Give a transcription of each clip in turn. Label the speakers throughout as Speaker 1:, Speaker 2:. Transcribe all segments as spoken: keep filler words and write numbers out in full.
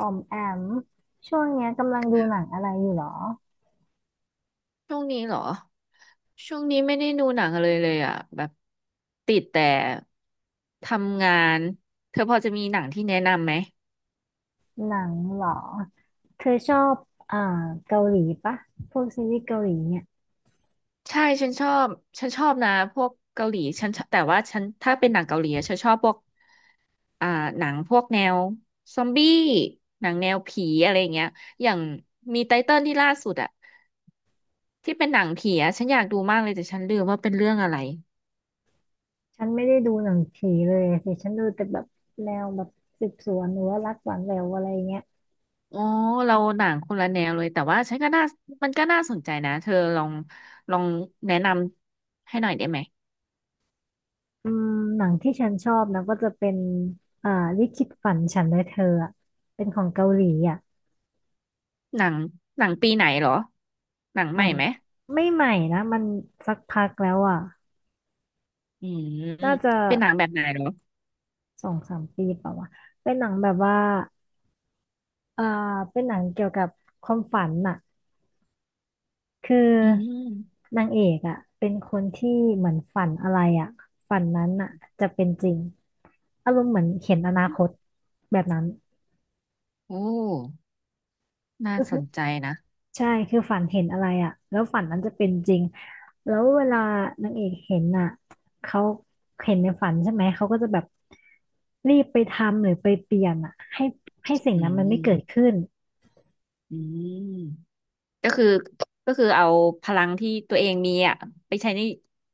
Speaker 1: ออมแอมช่วงเนี้ยกำลังดูหนังอะไรอยู่หรอ
Speaker 2: ช่วงนี้เหรอช่วงนี้ไม่ได้ดูหนังเลยเลยอ่ะแบบติดแต่ทำงานเธอพอจะมีหนังที่แนะนำไหม
Speaker 1: หนังเหรอเธอชอบอ่าเกาหลีปะพวกซีรีส์เกาหลีเนี่ย
Speaker 2: ใช่ฉันชอบฉันชอบนะพวกเกาหลีฉันชอบแต่ว่าฉันถ้าเป็นหนังเกาหลีอะฉันชอบพวกอ่าหนังพวกแนวซอมบี้หนังแนวผีอะไรอย่างเงี้ยอย่างมีไตเติ้ลที่ล่าสุดอ่ะที่เป็นหนังผีอะฉันอยากดูมากเลยแต่ฉันลืมว่าเป็นเรื่องอะไร
Speaker 1: ฉันไม่ได้ดูหนังผีเลยสิฉันดูแต่แบบแนวแบบสืบสวนหรือว่ารักหวานแหววอะไรเงี้ย
Speaker 2: โอ้ เราหนังคนละแนวเลยแต่ว่าฉันก็น่ามันก็น่าสนใจนะเธอลองลองแนะนำให้หน่อยได้ไหม
Speaker 1: อืมหนังที่ฉันชอบนะก็จะเป็นอ่าลิขิตฝันฉันและเธออะเป็นของเกาหลีอ่ะ
Speaker 2: หนังหนังปีไหนเหรอหนัง
Speaker 1: ห
Speaker 2: ให
Speaker 1: นั
Speaker 2: ม่
Speaker 1: ง
Speaker 2: ไหม
Speaker 1: ไม่ใหม่นะมันสักพักแล้วอ่ะ
Speaker 2: อืม
Speaker 1: น่าจะ
Speaker 2: เป็นหนังแบบไหนเหรอ
Speaker 1: สองสามปีเปล่าวะเป็นหนังแบบว่า อ่าเป็นหนังเกี่ยวกับความฝันน่ะคือ
Speaker 2: อืม
Speaker 1: นางเอกอ่ะเป็นคนที่เหมือนฝันอะไรอ่ะฝันนั้นน่ะจะเป็นจริงอารมณ์เหมือนเห็นอนาคตแบบนั้น
Speaker 2: โอ้น่า
Speaker 1: ก็
Speaker 2: ส
Speaker 1: คือ
Speaker 2: นใจนะ
Speaker 1: ใช่คือฝันเห็นอะไรอ่ะแล้วฝันนั้นจะเป็นจริงแล้วเวลานางเอกเห็นอ่ะเขาเห็นในฝันใช่ไหมเขาก็จะแบบรีบไปทำหรือไปเปลี่ยนอ่ะให้ให้สิ่ง
Speaker 2: อื
Speaker 1: นั้นมันไม่เกิด
Speaker 2: ม
Speaker 1: ขึ้น
Speaker 2: อืมก็คือก็คือเอาพลังที่ตัวเองมีอ่ะไปใช้ใน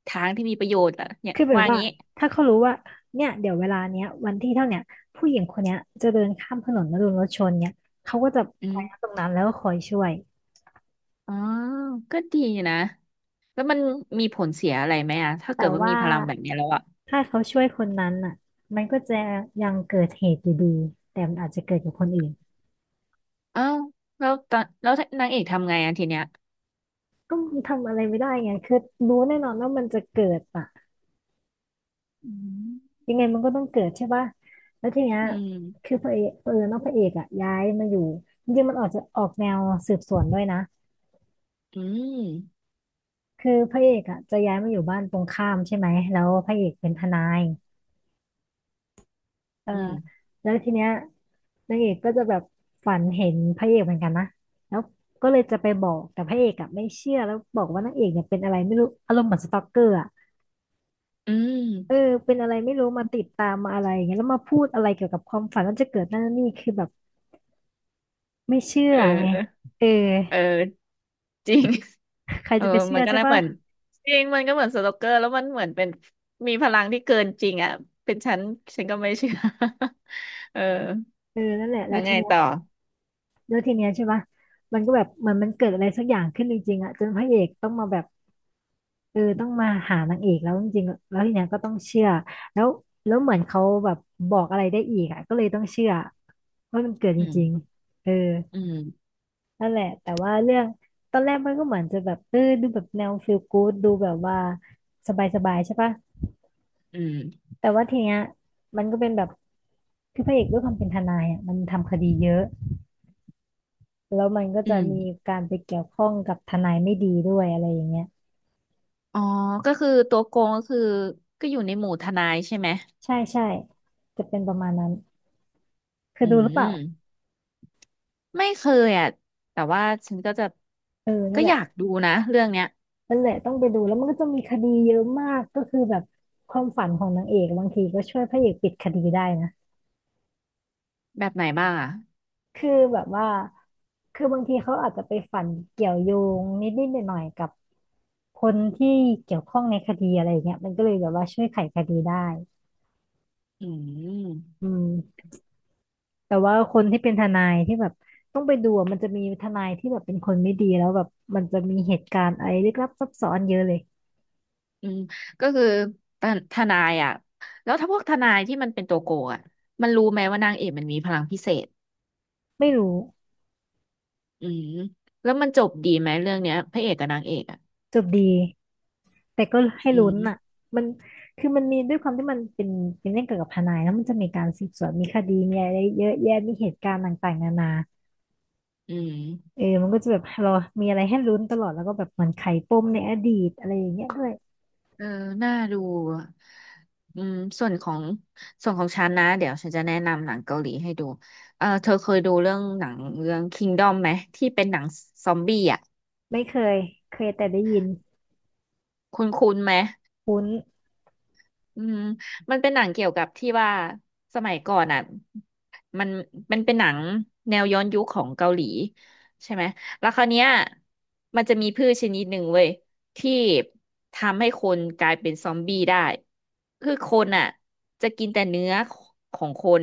Speaker 2: ทางที่มีประโยชน์อ่ะเนี่ย
Speaker 1: คือแบบ
Speaker 2: ว่า
Speaker 1: ว่า
Speaker 2: งี้
Speaker 1: ถ้าเขารู้ว่าเนี่ยเดี๋ยวเวลาเนี้ยวันที่เท่าเนี้ยผู้หญิงคนเนี้ยจะเดินข้ามถนนแล้วโดนรถชนเนี่ยเขาก็จะ
Speaker 2: อื
Speaker 1: ไปนะตร
Speaker 2: ม
Speaker 1: งนั้นแล้วก็คอยช่วย
Speaker 2: อ๋อก็ดีนะ แล้วมันมีผลเสียอะไรไหมอะถ้า
Speaker 1: แต่
Speaker 2: เกิดว่ามี
Speaker 1: ว่า
Speaker 2: พลังแบบเนี้ยแล้วอะ
Speaker 1: ถ้าเขาช่วยคนนั้นอ่ะมันก็จะยังเกิดเหตุอยู่ดีแต่มันอาจจะเกิดกับคนอื่น
Speaker 2: อ้าวแล้วตอนแล้วนางเอกทำไงอะทีเนี้ย
Speaker 1: ก็มันทำอะไรไม่ได้ไงคือรู้แน่นอนว่ามันจะเกิดอ่ะ
Speaker 2: อืม
Speaker 1: ยังไงมันก็ต้องเกิดใช่ป่ะแล้วทีเนี้ย
Speaker 2: อื
Speaker 1: คื
Speaker 2: ม
Speaker 1: อพระเอกเออน้องพระเอกอ่ะย้ายมาอยู่จริงๆมันออกจะออกแนวสืบสวนด้วยนะ
Speaker 2: อืม
Speaker 1: คือพระเอกอ่ะจะย้ายมาอยู่บ้านตรงข้ามใช่ไหมแล้วพระเอกเป็นทนายเออ
Speaker 2: อืม
Speaker 1: แล้วทีเนี้ยนางเอกก็จะแบบฝันเห็นพระเอกเหมือนกันนะแล้วก็เลยจะไปบอกแต่พระเอกอ่ะไม่เชื่อ แล้วบอกว่านางเอกเนี่ยเป็นอะไรไม่รู้อารมณ์เหมือนสตอกเกอร์อ่ะ
Speaker 2: อืม
Speaker 1: เออเป็นอะไรไม่รู้มาติดตามมาอะไรอย่างเงี้ยแล้วมาพูดอะไรเกี่ยวกับความฝันว่าจะเกิดนั่นนี่คือแบบไม่เชื่อ
Speaker 2: เอ
Speaker 1: ไง
Speaker 2: อ
Speaker 1: เออ
Speaker 2: เออจริง
Speaker 1: ใคร
Speaker 2: เออ
Speaker 1: จะไปเชื่
Speaker 2: มั
Speaker 1: อ
Speaker 2: นก็
Speaker 1: ใช่
Speaker 2: น่าเห
Speaker 1: ปะ
Speaker 2: มือนจริงมันก็เหมือนสโลกเกอร์แล้วมันเหมือนเป็นมีพลังที่เกินจริงอ่ะเป็นฉันฉันก็ไม่เชื่อ เออ
Speaker 1: เออนั่นแหละ
Speaker 2: แล้
Speaker 1: แล้ว
Speaker 2: ว
Speaker 1: ที
Speaker 2: ไง
Speaker 1: เนี้ย
Speaker 2: ต่อ
Speaker 1: แล้วทีเนี้ยใช่ปะมันก็แบบเหมือนมันเกิดอะไรสักอย่างขึ้นจริงๆอ่ะจนพระเอกต้องมาแบบ เออต้องมาหานางเอกแล้วจริงๆแล้วทีเนี้ยก็ต้องเชื่อแล้วแล้วเหมือนเขาแบบบอกอะไรได้อีกอ่ะก็เลยต้องเชื่อว่ามันเกิดจ
Speaker 2: อื
Speaker 1: ริง
Speaker 2: ม
Speaker 1: ๆเออ
Speaker 2: อืม
Speaker 1: นั่นแหละแต่ว่าเรื่องตอนแรกมันก็เหมือนจะแบบเออดูแบบแนวฟีลกู๊ดดูแบบว่าสบายๆใช่ปะ
Speaker 2: อืม
Speaker 1: แต่ว่าทีเนี้ยมันก็เป็นแบบคือพระเอกด้วยความเป็นทนายอ่ะมันทำคดีเยอะแล้วมันก็
Speaker 2: อื
Speaker 1: จะ
Speaker 2: ม
Speaker 1: มีการไปเกี่ยวข้องกับทนายไม่ดีด้วยอะไรอย่างเงี้ย
Speaker 2: อ๋อก็คือตัวโกงก็คือก็อยู่ในหมู่ทนายใช่ไหม
Speaker 1: ใช่ใช่จะเป็นประมาณนั้นเคย
Speaker 2: อื
Speaker 1: ดูหรือเป
Speaker 2: ม
Speaker 1: ล่า
Speaker 2: ไม่เคยอ่ะแต่ว่าฉันก็จะ
Speaker 1: เออนั่
Speaker 2: ก็
Speaker 1: นแห
Speaker 2: อ
Speaker 1: ละ
Speaker 2: ยากดูนะเรื่องเนี้ย
Speaker 1: นั่นแหละต้องไปดูแล้วมันก็จะมีคดีเยอะมากก็คือแบบความฝันของนางเอกบางทีก็ช่วยพระเอกปิดคดีได้นะ
Speaker 2: แบบไหนบ้างอ่ะ
Speaker 1: คือแบบว่าคือบางทีเขาอาจจะไปฝันเกี่ยวโยงนิดๆหน่อยๆกับคนที่เกี่ยวข้องในคดีอะไรอย่างเงี้ยมันก็เลยแบบว่าช่วยไขคดีได้
Speaker 2: อืม
Speaker 1: อืมแต่ว่าคนที่เป็นทนายที่แบบต้องไปดูอะมันจะมีทนายที่แบบเป็นคนไม่ดีแล้วแบบมันจะมีเหตุการณ์อะไรลึกลับซับซ้อนเยอะเลย
Speaker 2: อืมก็คือทนทนายอ่ะแล้วถ้าพวกทนายที่มันเป็นตัวโกงอ่ะมันรู้ไหมว่านางเอกมันมีพลังพิเศษ
Speaker 1: ไม่รู้
Speaker 2: อืมแล้วมันจบดีไหมเรื่องเนี้ยพระเอกกับนางเอกอ่ะ
Speaker 1: จบดี แต่ก็ให้
Speaker 2: อื
Speaker 1: ลุ้น
Speaker 2: ม
Speaker 1: อ่ะมันคือมันมีด้วยความที่มันเป็นเป็นเรื่องเกี่ยวกับทนายแล้วมันจะมีการสืบสวนมีคดีมีอะไรเยอะแยะมีเหตุการณ์ต่างๆนานา
Speaker 2: อืม
Speaker 1: เออมันก็จะแบบเรามีอะไรให้ลุ้นตลอด แล้วก็แบบเหมันไขปมในอดีตอะไรอย่างเงี้ยด้วย
Speaker 2: เออน่าดูอะอืมส่วนของส่วนของฉันนะเดี๋ยวฉันจะแนะนำหนังเกาหลีให้ดูเออเธอเคยดูเรื่องหนังเรื่อง Kingdom ไหมที่เป็นหนังซอมบี้อ่ะ
Speaker 1: ไม่เคย เคยแต่ได้ยิน
Speaker 2: คุ้นๆไหม
Speaker 1: คุ้น
Speaker 2: อืมมันเป็นหนังเกี่ยวกับที่ว่าสมัยก่อนอ่ะมันมันเป็นหนังแนวย้อนยุคของเกาหลีใช่ไหมแล้วคราวเนี้ยมันจะมีพืชชนิดหนึ่งเว้ยที่ทำให้คนกลายเป็นซอมบี้ได้คือคนอ่ะจะกินแต่เนื้อของคน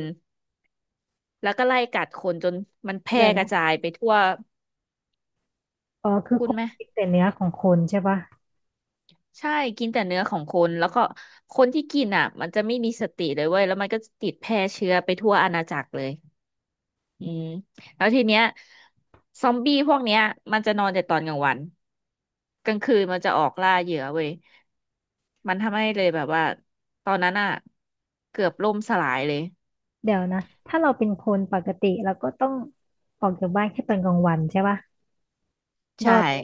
Speaker 2: แล้วก็ไล่กัดคนจนมันแพร่
Speaker 1: เดี๋ยว
Speaker 2: ก
Speaker 1: นะ
Speaker 2: ระจายไปทั่ว
Speaker 1: อ๋อคือ
Speaker 2: คุ
Speaker 1: ค
Speaker 2: ณ
Speaker 1: น
Speaker 2: ไหม
Speaker 1: คิดแต่เนื้อของคนใช่ปะ
Speaker 2: ใช่กินแต่เนื้อของคนแล้วก็คนที่กินอ่ะมันจะไม่มีสติเลยเว้ยแล้วมันก็ติดแพร่เชื้อไปทั่วอาณาจักรเลย อืมแล้วทีเนี้ยซอมบี้พวกเนี้ยมันจะนอนแต่ตอนกลางวันกลางคืนมันจะออกล่าเหยื่อเว้ยมันทำให้เลยแบบว่าตอนนั้นอ่ะเกือบล่มสลายเลย
Speaker 1: เดี๋ยวนะ ถ้าเราเป็นคนปกติเราก็ต้องออกจากบ้านแค่ตอนกลางวันใช่ปะร
Speaker 2: ใช่
Speaker 1: อดไหม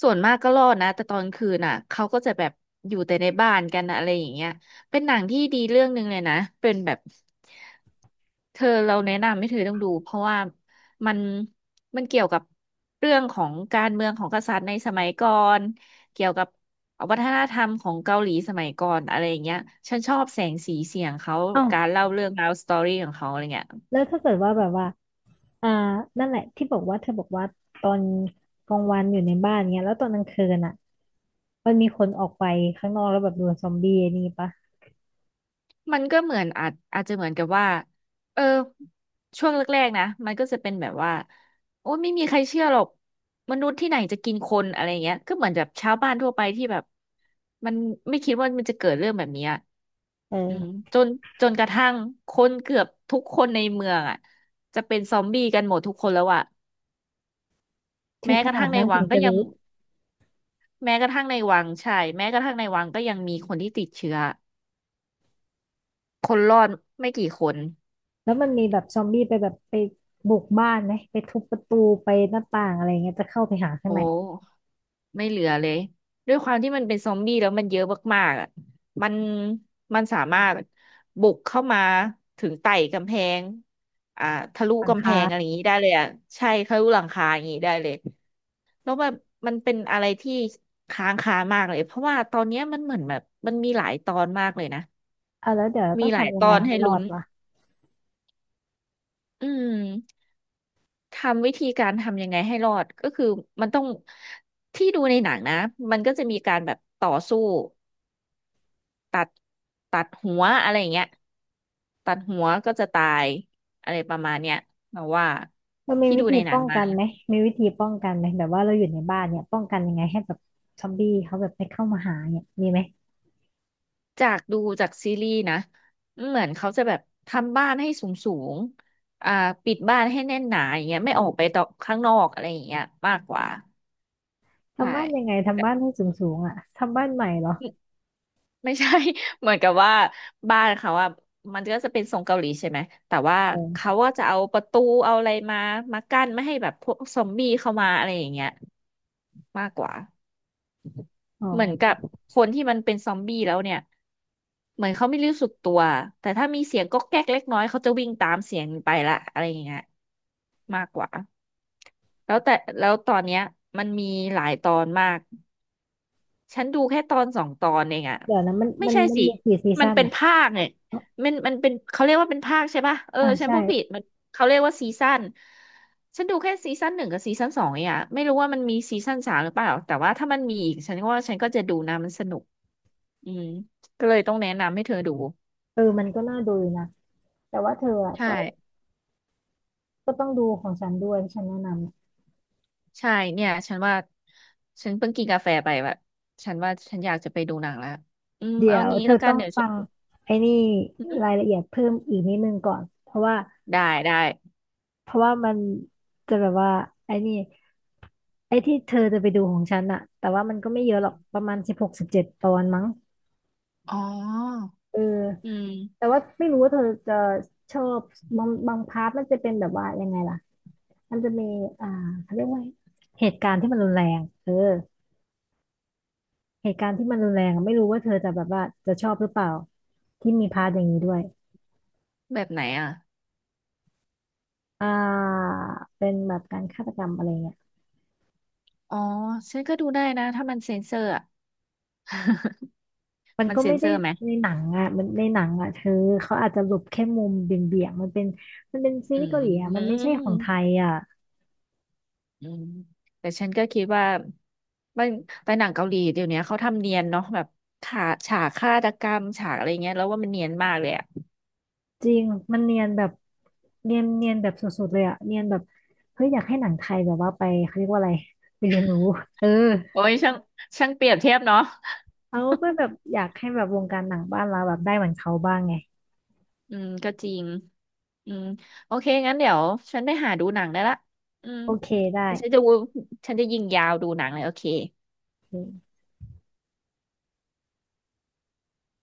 Speaker 2: ส่วนมากก็รอดนะแต่ตอนคืนน่ะเขาก็จะแบบอยู่แต่ในบ้านกันนะอะไรอย่างเงี้ยเป็นหนังที่ดีเรื่องหนึ่งเลยนะเป็นแบบเธอเราแนะนำให้เธอต้องดูเพราะว่ามันมันเกี่ยวกับเรื่องของการเมืองของกษัตริย์ในสมัยก่อนเกี่ยวกับวัฒนธรรมของเกาหลีสมัยก่อนอะไรอย่างเงี้ยฉันชอบแสงสีเสียงเขา
Speaker 1: เอ้า
Speaker 2: การเล่าเรื่องราวสตอรี่ของเขาอะไรเงี้ย
Speaker 1: แล้วถ้าเกิดว่าแบบว่า อ่านั่นแหละที่บอกว่าเธอบอกว่าตอนกลางวันอยู่ในบ้านเนี้ยแล้วตอนกลางคืนอ่ะมันมีคนออกไปข้างนอกแล้วแบบโดนซอมบี้ไอ้นี่ปะ
Speaker 2: มันก็เหมือนอาจอาจจะเหมือนกับว่าเออช่วงแรกๆนะ มันก็จะเป็นแบบว่า โอ้ไม่มีใครเชื่อหรอก มนุษย์ที่ไหนจะกินคนอะไรเงี้ยก็เหมือนแบบชาวบ้านทั่วไปที่แบบมันไม่คิดว่ามันจะเกิดเรื่องแบบเนี้ย
Speaker 1: เอ
Speaker 2: อืม
Speaker 1: อ
Speaker 2: จนจนกระทั่งคนเกือบทุกคนในเมืองอ่ะจะเป็นซอมบี้กันหมดทุกคนแล้วอ่ะ
Speaker 1: คือ
Speaker 2: แม้
Speaker 1: ข
Speaker 2: กระ
Speaker 1: นา
Speaker 2: ทั่
Speaker 1: ด
Speaker 2: งใน
Speaker 1: นั้น
Speaker 2: วั
Speaker 1: ถึ
Speaker 2: ง
Speaker 1: ง
Speaker 2: ก็
Speaker 1: จะ
Speaker 2: ยัง
Speaker 1: รู้
Speaker 2: แม้กระทั่งในวังใช่แม้กระทั่งในวังก็ยังมีคนที่ติดเชื้อคนรอดไม่กี่คน
Speaker 1: แล้วมันมีแบบซอมบี้ไปแบบไปบุกบ้านไหมไปทุบประตูไปหน้าต่างอะไรเงี้ยจะเข้าไปหาข้า
Speaker 2: โอ
Speaker 1: งใน
Speaker 2: ้ ไม่เหลือเลยด้วยความที่มันเป็นซอมบี้แล้วมันเยอะมากๆอ่ะมันมันสามารถบุกเข้ามาถึงไต่กำแพงอ่าทะลุ
Speaker 1: หลัง
Speaker 2: กำแพงอะไรอ
Speaker 1: คา
Speaker 2: ย่างนี้ได้เลยอ่ะใช่ทะลุหลังคาอย่างนี้ได้เลยแล้วแบบมันเป็นอะไรที่ค้างคามากเลยเพราะว่าตอนเนี้ยมันเหมือนแบบมันมีหลายตอนมากเลยนะ
Speaker 1: อ่ะแล้วเดี๋ยวเรา
Speaker 2: มี
Speaker 1: ต้อง
Speaker 2: หลาย
Speaker 1: ทำยั
Speaker 2: ต
Speaker 1: ง
Speaker 2: อ
Speaker 1: ไง
Speaker 2: น
Speaker 1: ให้
Speaker 2: ให้
Speaker 1: รอ
Speaker 2: ลุ้น
Speaker 1: ดล่ะ
Speaker 2: อืมทำวิธีการทำยังไงให้รอดก็คือมันต้องที่ดูในหนังนะมันก็จะมีการแบบต่อสู้ ตัดตัดหัวอะไรอย่างเงี้ยตัดหัวก็จะตายอะไรประมาณเนี้ยเราว่า
Speaker 1: มันมี
Speaker 2: ที่
Speaker 1: วิ
Speaker 2: ดู
Speaker 1: ธี
Speaker 2: ในหนั
Speaker 1: ป้
Speaker 2: ง
Speaker 1: อง
Speaker 2: มา
Speaker 1: กันไหมมีวิธีป้องกันไหมแบบว่าเราอยู่ในบ้านเนี่ยป้องกันยังไงให้แบบซอมบี้เขาแบบไม่เข้ามาหาเนี่ยมีไหม
Speaker 2: จากดูจากซีรีส์นะเหมือนเขาจะแบบทำบ้านให้สูงสูงอ่าปิดบ้านให้แน่นหนาอย่างเงี้ยไม่ออกไปต่อข้างนอกอะไรอย่างเงี้ยมากกว่าใช่
Speaker 1: ทำบ้านยังไงทำบ้านให้สูงสูงอ่ะทำบ้านใหม่เหรอ
Speaker 2: ไม่ใช่ เหมือนกับว่าบ้านเขาว่ามันก็จะเป็นทรงเกาหลีใช่ไหมแต่ว่า
Speaker 1: อ๋
Speaker 2: เขา
Speaker 1: อ
Speaker 2: ก็จะเอาประตูเอาอะไรมามากั้นไม่ให้แบบพวกซอมบี้เข้ามาอะไรอย่างเงี้ยมากกว่า
Speaker 1: อ๋
Speaker 2: เหมือนกั
Speaker 1: อ
Speaker 2: บคนที่มันเป็นซอมบี้แล้วเนี่ยเหมือนเขาไม่รู้สึกตัวแต่ถ้ามีเสียงก๊อกแก๊กเล็กน้อยเขาจะวิ่งตามเสียงไปละอะไรอย่างเงี้ยมากกว่าแล้วแต่แล้วตอนเนี้ยมันมีหลายตอนมาก ฉันดูแค่ตอนสองตอนเองอะ
Speaker 1: เดี๋ยวนะมัน
Speaker 2: ไม่
Speaker 1: มัน
Speaker 2: ใช่
Speaker 1: มัน
Speaker 2: สิ
Speaker 1: มีกี่ซี
Speaker 2: มัน
Speaker 1: ซั่น
Speaker 2: เป็น
Speaker 1: อ่ะ
Speaker 2: ภาคเนี่ย
Speaker 1: เอ๋อ
Speaker 2: มันมันเป็นเขาเรียกว่าเป็นภาคใช่ปะเออ
Speaker 1: อ่า
Speaker 2: ฉัน
Speaker 1: ใช่
Speaker 2: พูดผิดมันเขาเรียกว่าซีซั่นฉันดูแค่ซีซั่นหนึ่งกับซีซั่นสองเองอะไม่รู้ว่ามันมีซีซั่นสามหรือเปล่าแต่ว่าถ้ามันมีอีกฉันก็ว่าฉันก็จะดูนะมันสนุกอืมก็เลยต้องแนะนำให้เธอดู
Speaker 1: เออมันก็น่าดูอยู่นะ แต่ว่าเธออ่ะ
Speaker 2: ใช่
Speaker 1: ก็ก็ต้องดูของฉันด้วยที่ฉันแนะนำ
Speaker 2: ใช่เนี่ยฉันว่าฉันเพิ่งกินกาแฟไปแบบฉันว่าฉันอยากจะไปดูหนังแล้วอืม
Speaker 1: เดี๋
Speaker 2: เอา
Speaker 1: ยว
Speaker 2: งี้
Speaker 1: เธอ
Speaker 2: แล้วกั
Speaker 1: ต้
Speaker 2: น
Speaker 1: อง
Speaker 2: เดี๋ยว
Speaker 1: ฟั
Speaker 2: ฉั
Speaker 1: ง
Speaker 2: น
Speaker 1: ไอ้นี่
Speaker 2: อื
Speaker 1: ราย
Speaker 2: ม
Speaker 1: ละเอียดเพิ่มอีกนิดนึงก่อน เพราะว่า
Speaker 2: ได้ได้
Speaker 1: เพราะว่ามันจะแบบว่าไอ้นี่ไอ้ที่เธอจะไปดูของฉันอ่ะแต่ว่ามันก็ไม่เยอะหรอกประมาณสิบหกสิบเจ็ดตอนมั้ง
Speaker 2: อ๋อ
Speaker 1: เออ
Speaker 2: อื
Speaker 1: แต่
Speaker 2: ม
Speaker 1: ว่าไม่รู้ว่าเธอจะชอบบางบางพาร์ทมันจะเป็นแบบว่ายังไงล่ะ มันจะมีอ่าเขาเรียกว่าเหตุการณ์ที่มันรุนแรงเออเหตุการณ์ที่มันรุนแรงอะไม่รู้ว่าเธอจะแบบว่าจะชอบหรือเปล่าที่มีพาร์ทอย่างนี้ด้วย
Speaker 2: แบบไหนอ่ะ
Speaker 1: อ่าเป็นแบบการฆาตกรรมอะไรเงี้ย
Speaker 2: อ๋อฉันก็ดูได้นะถ้ามันเซ็นเซอร์อ่ะ
Speaker 1: มัน
Speaker 2: มัน
Speaker 1: ก็
Speaker 2: เซ็
Speaker 1: ไม่
Speaker 2: นเซ
Speaker 1: ได้
Speaker 2: อร์ไหม
Speaker 1: ในหนังอ่ะมันในหนังอ่ะเธอเขาอาจจะหลบแค่มุมเบี่ยงๆมันเป็นมันเป็นซี
Speaker 2: อื
Speaker 1: รีส์เกาหลีอ่ะมันไม่ใช่ของไท
Speaker 2: ม
Speaker 1: ยอ่ะ
Speaker 2: อืมแต่ฉันก็คิดว่ามันไปหนังเกาหลีเดี๋ยวนี้เขาทำเนียนเนาะแบบฉากฉากฆาตกรรมฉากอะไรเงี้ยแล้วว่ามันเนียนมากเลยอ่ะ
Speaker 1: จริงมันเนียนแบบเนียนเนียนแบบสุดๆเลยอ่ะเนียนแบบเฮ้ยอยากให้หนังไทยแบบว่าไปเขาเรียกว่าอะไรไปเรียนรู้เออ
Speaker 2: โอ้ยช่างช่างเปรียบเทียบเนาะ
Speaker 1: เขาก็แบบอยากให้แบบวงการหนังบ้านเราแบบได้เหมือนเขาบ้างไง
Speaker 2: อืมก็จริงอืมโอเคงั้นเดี๋ยวฉันไปหาดูหนังได้ละอืม
Speaker 1: โอเคได้
Speaker 2: ฉันจะวูฉันจะยิงยาวดูหนังเลยโอเค